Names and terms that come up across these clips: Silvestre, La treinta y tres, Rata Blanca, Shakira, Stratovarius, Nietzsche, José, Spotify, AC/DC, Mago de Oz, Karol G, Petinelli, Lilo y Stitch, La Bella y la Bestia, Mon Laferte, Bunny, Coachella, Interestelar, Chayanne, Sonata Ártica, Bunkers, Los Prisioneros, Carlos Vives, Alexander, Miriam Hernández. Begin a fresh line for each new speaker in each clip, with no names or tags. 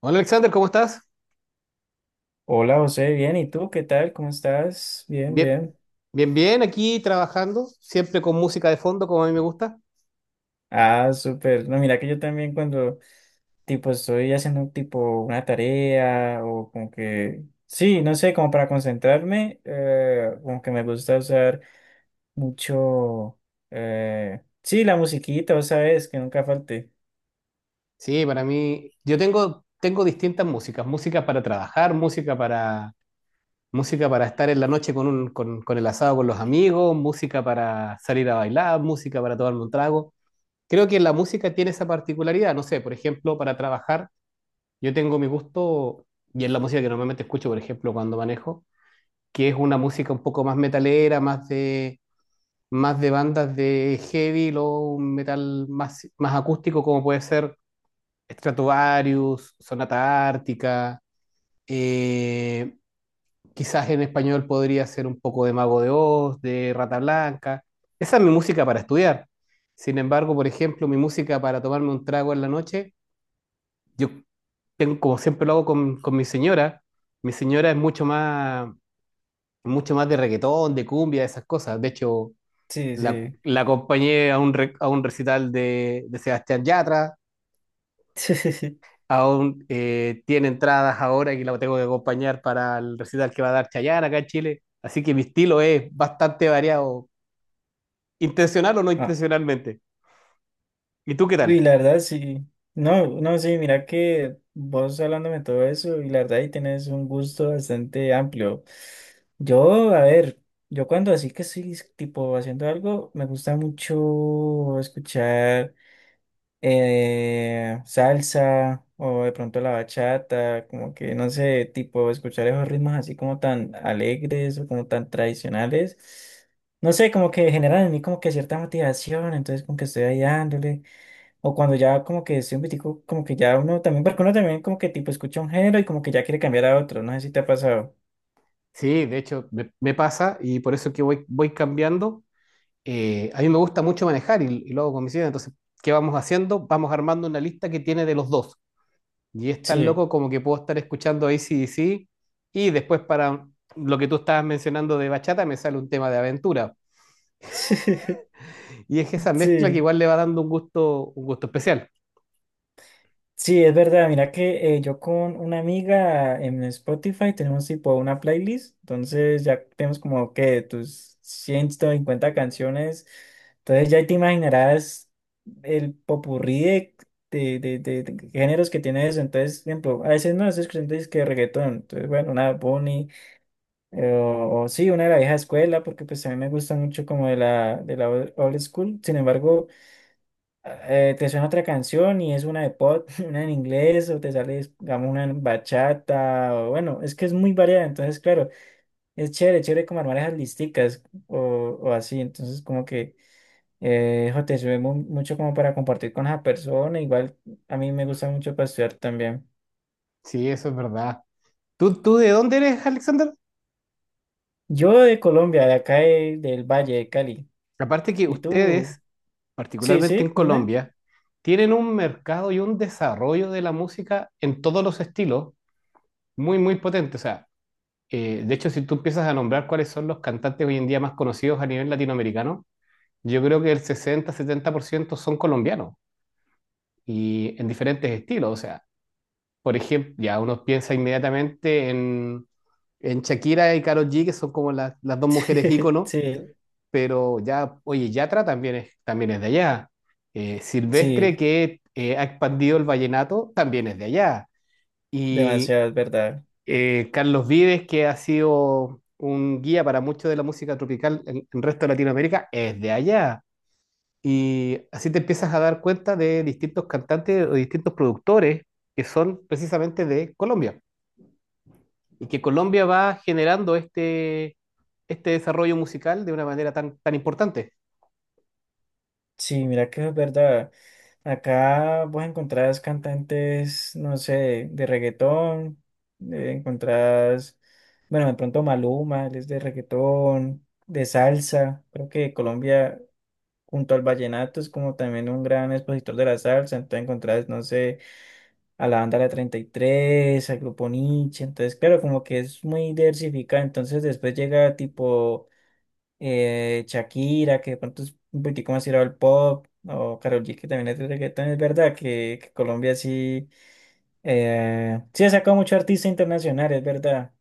Hola Alexander, ¿cómo estás?
Hola José, bien, ¿y tú qué tal? ¿Cómo estás? Bien,
Bien,
bien.
bien, bien, aquí trabajando, siempre con música de fondo, como a mí me gusta.
Ah, súper. No, mira que yo también cuando tipo estoy haciendo tipo una tarea o como que, sí, no sé, como para concentrarme, como que me gusta usar mucho, sí, la musiquita, ¿vos sabes? Que nunca falte.
Sí, para mí, yo tengo distintas músicas, música para trabajar, música para estar en la noche con el asado con los amigos, música para salir a bailar, música para tomarme un trago. Creo que la música tiene esa particularidad, no sé, por ejemplo, para trabajar, yo tengo mi gusto, y es la música que normalmente escucho, por ejemplo, cuando manejo, que es una música un poco más metalera, más de bandas de heavy, luego un metal más acústico como puede ser Stratovarius, Sonata Ártica, eh, quizás en español podría ser un poco de Mago de Oz, de Rata Blanca. Esa es mi música para estudiar. Sin embargo, por ejemplo, mi música para tomarme un trago en la noche, yo tengo, como siempre lo hago con mi señora, mi señora es mucho más, mucho más de reggaetón, de cumbia, de esas cosas. De hecho,
Sí,
La,
sí.
la acompañé a a un recital de Sebastián Yatra. Aún tiene entradas ahora que la tengo que acompañar para el recital que va a dar Chayanne acá en Chile. Así que mi estilo es bastante variado, intencional o no intencionalmente. ¿Y tú qué
Y
tal?
la verdad, sí. No, no, sí, mira que vos hablándome todo eso y la verdad ahí tienes un gusto bastante amplio. Yo, a ver, yo cuando así que estoy tipo haciendo algo, me gusta mucho escuchar salsa o de pronto la bachata, como que no sé, tipo escuchar esos ritmos así como tan alegres o como tan tradicionales. No sé, como que generan en mí como que cierta motivación, entonces como que estoy ahí dándole. O cuando ya como que estoy un poquitico, como que ya uno también, porque uno también como que tipo escucha un género y como que ya quiere cambiar a otro, no sé si te ha pasado.
Sí, de hecho me pasa y por eso es que voy cambiando. A mí me gusta mucho manejar y lo hago con mis hijas. Entonces, ¿qué vamos haciendo? Vamos armando una lista que tiene de los dos. Y es tan
Sí,
loco como que puedo estar escuchando AC/DC y después para lo que tú estabas mencionando de bachata me sale un tema de aventura. Y es esa mezcla que
sí,
igual le va dando un gusto especial.
sí, es verdad, mira que yo con una amiga en Spotify tenemos tipo una playlist, entonces ya tenemos como que tus 150 canciones, entonces ya te imaginarás el popurrí de géneros que tiene eso, entonces, por ejemplo, a veces no estoy escuchando que reggaetón, entonces bueno, una Bunny. O sí, una de la vieja escuela, porque pues a mí me gusta mucho como de la old old school. Sin embargo, te suena otra canción y es una de pop, una en inglés, o te sale, digamos, una en bachata, o bueno, es que es muy variada. Entonces, claro, es chévere, chévere como armar esas listicas o, o así. Entonces, como que jo, te sirve mucho como para compartir con esa persona. Igual a mí me gusta mucho para estudiar también.
Sí, eso es verdad. ¿Tú de dónde eres, Alexander?
Yo de Colombia, de acá del Valle de Cali.
Aparte que
¿Y tú?
ustedes,
Sí,
particularmente en
sí, dime.
Colombia, tienen un mercado y un desarrollo de la música en todos los estilos muy, muy potente. O sea, de hecho, si tú empiezas a nombrar cuáles son los cantantes hoy en día más conocidos a nivel latinoamericano, yo creo que el sesenta, setenta por ciento son colombianos y en diferentes estilos. O sea, por ejemplo, ya uno piensa inmediatamente en Shakira y Karol G, que son como las dos mujeres íconos,
Sí,
pero ya, oye, Yatra también es de allá.
sí,
Silvestre, que ha expandido el vallenato, también es de allá. Y
demasiado, es verdad.
Carlos Vives, que ha sido un guía para mucho de la música tropical en el resto de Latinoamérica, es de allá. Y así te empiezas a dar cuenta de distintos cantantes o distintos productores que son precisamente de Colombia y que Colombia va generando este desarrollo musical de una manera tan, tan importante.
Sí, mira que es verdad. Acá vos encontrás cantantes, no sé, de reggaetón, encontrás, bueno, de pronto Maluma, él es de reggaetón, de salsa. Creo que Colombia, junto al vallenato, es como también un gran expositor de la salsa. Entonces encontrás, no sé, a la banda La 33 al grupo Nietzsche. Entonces, claro, como que es muy diversificado. Entonces después llega tipo... Shakira, que de pronto es un poquitico más tirado al pop, o Karol G, que también es de reggaetón, es verdad que Colombia sí, sí ha sacado mucho artista internacional, es verdad.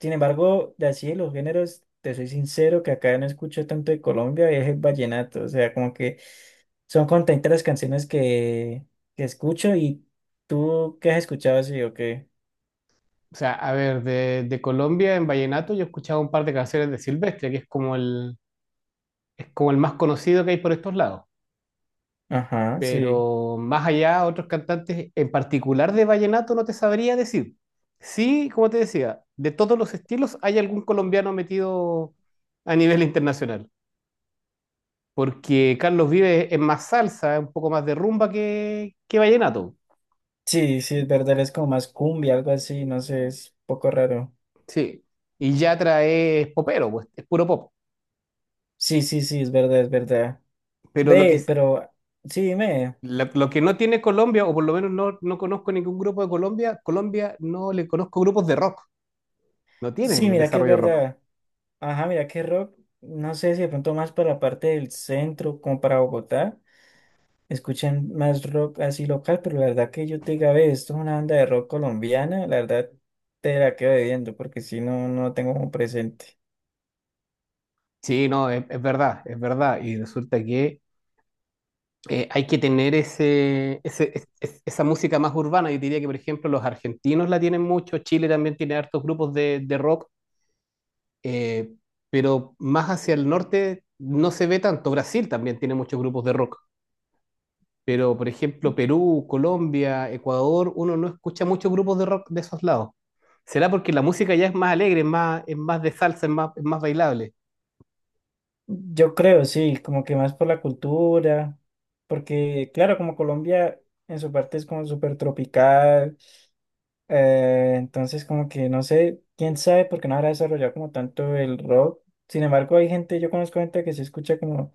Sin embargo, de así de los géneros, te soy sincero que acá no escucho tanto de Colombia, es el vallenato, o sea, como que son contentas las canciones que escucho y tú, ¿qué has escuchado así o qué?
O sea, a ver, de Colombia en Vallenato yo he escuchado un par de canciones de Silvestre, que es como es como el más conocido que hay por estos lados.
Ajá, sí.
Pero más allá, otros cantantes, en particular de vallenato, no te sabría decir. Sí, como te decía, de todos los estilos hay algún colombiano metido a nivel internacional, porque Carlos Vives es más salsa, es un poco más de rumba que vallenato,
Sí, sí, es verdad, es como más cumbia, algo así, no sé, es un poco raro.
sí. Y Yatra es popero, pues, es puro pop.
Sí, sí, sí, es verdad, es verdad.
Pero lo que,
Ve, pero sí, dime.
lo que no tiene Colombia, o por lo menos no conozco ningún grupo de Colombia, Colombia no le conozco grupos de rock, no
Sí,
tienen
mira que es
desarrollo rock.
verdad. Ajá, mira que rock, no sé si de pronto más para la parte del centro, como para Bogotá, escuchan más rock así local, pero la verdad que yo te diga, ve, esto es una banda de rock colombiana, la verdad te la quedo debiendo, porque si no, no tengo como presente.
Sí, no, es verdad, es verdad. Y resulta que hay que tener esa música más urbana. Yo diría que, por ejemplo, los argentinos la tienen mucho, Chile también tiene hartos grupos de rock, eh, pero más hacia el norte no se ve tanto. Brasil también tiene muchos grupos de rock, pero, por ejemplo, Perú, Colombia, Ecuador, uno no escucha muchos grupos de rock de esos lados. ¿Será porque la música ya es más alegre, es es más de salsa, es es más bailable?
Yo creo, sí, como que más por la cultura, porque claro, como Colombia en su parte es como súper tropical. Entonces, como que no sé, quién sabe por qué no habrá desarrollado como tanto el rock. Sin embargo, hay gente, yo conozco gente que se escucha como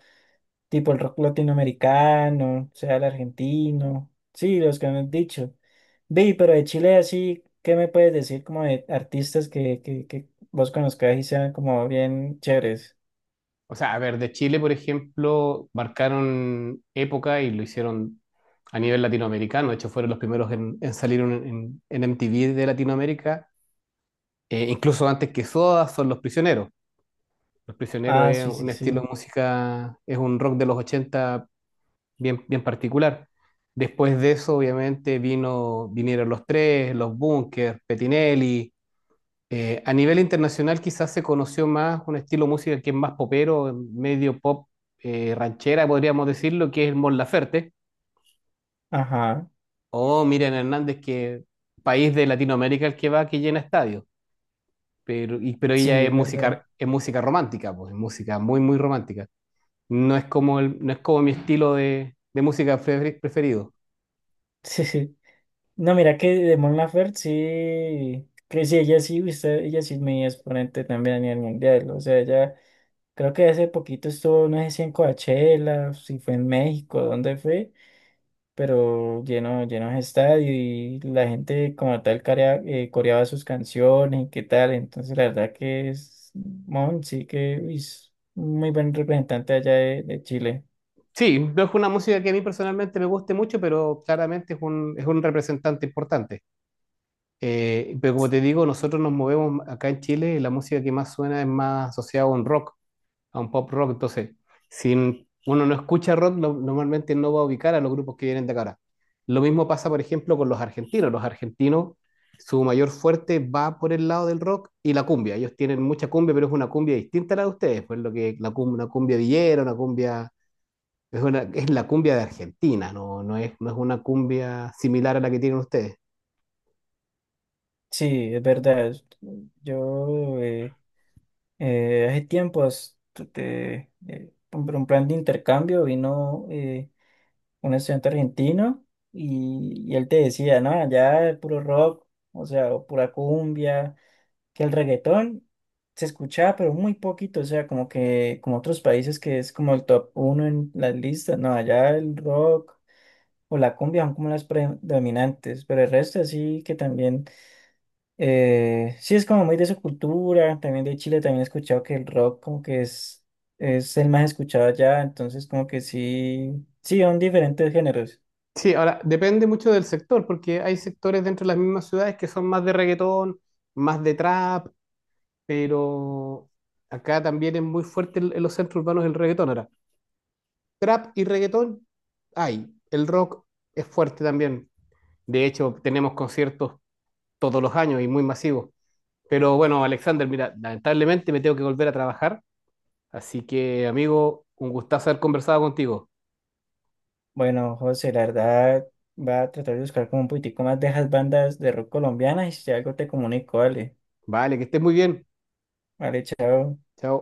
tipo el rock latinoamericano, o sea el argentino, sí, los que me han dicho. Vi, pero de Chile así, ¿qué me puedes decir como de artistas que vos conozcas y sean como bien chéveres?
O sea, a ver, de Chile, por ejemplo, marcaron época y lo hicieron a nivel latinoamericano. De hecho, fueron los primeros en salir en MTV de Latinoamérica. Incluso antes que Soda, son Los Prisioneros. Los Prisioneros
Ah,
es
sí,
un
sí,
estilo
sí.
de música, es un rock de los 80 bien, bien particular. Después de eso, obviamente, vinieron los tres, los Bunkers, Petinelli, a nivel internacional quizás se conoció más un estilo musical que es más popero, medio pop ranchera, podríamos decirlo, que es el Mon Laferte,
Ajá,
o Miriam Hernández, que país de Latinoamérica el que va, que llena estadios, pero, pero ella
sí, es verdad.
es música romántica, pues, es música muy, muy romántica. No es como, no es como mi estilo de música preferido.
No, mira que de Mon Laferte sí, que sí, ella sí, usted, ella sí es mi exponente también a nivel mundial. O sea, ella creo que hace poquito estuvo, no sé si en Coachella, si fue en México, dónde fue, pero lleno, lleno de estadio y la gente como tal coreaba sus canciones y qué tal. Entonces, la verdad que es Mon, sí que uy, es un muy buen representante allá de Chile.
Sí, no es una música que a mí personalmente me guste mucho, pero claramente es es un representante importante. Pero como te digo, nosotros nos movemos acá en Chile, y la música que más suena es más asociada a un rock, a un pop rock. Entonces, si uno no escucha rock, normalmente no va a ubicar a los grupos que vienen de acá. Lo mismo pasa, por ejemplo, con los argentinos. Los argentinos, su mayor fuerte va por el lado del rock y la cumbia. Ellos tienen mucha cumbia, pero es una cumbia distinta a la de ustedes. Pues lo que una cumbia villera, una cumbia es la cumbia de Argentina, no es, no es una cumbia similar a la que tienen ustedes.
Sí, es verdad. Yo. Hace tiempo un plan de intercambio vino un estudiante argentino y él te decía, no, allá el puro rock, o sea, o pura cumbia, que el reggaetón se escuchaba, pero muy poquito, o sea, como que como otros países que es como el top uno en las listas, no, allá el rock o la cumbia son como las predominantes, pero el resto sí que también sí, es como muy de su cultura, también de Chile, también he escuchado que el rock como que es el más escuchado allá, entonces como que sí, sí, son diferentes géneros.
Sí, ahora depende mucho del sector, porque hay sectores dentro de las mismas ciudades que son más de reggaetón, más de trap, pero acá también es muy fuerte en los centros urbanos el reggaetón. Ahora, trap y reggaetón hay, el rock es fuerte también. De hecho, tenemos conciertos todos los años y muy masivos. Pero bueno, Alexander, mira, lamentablemente me tengo que volver a trabajar, así que amigo, un gustazo haber conversado contigo.
Bueno, José, la verdad, va a tratar de buscar como un poquitico más de esas bandas de rock colombianas y si algo te comunico, vale,
Vale, que estés muy bien.
vale, chao.
Chao.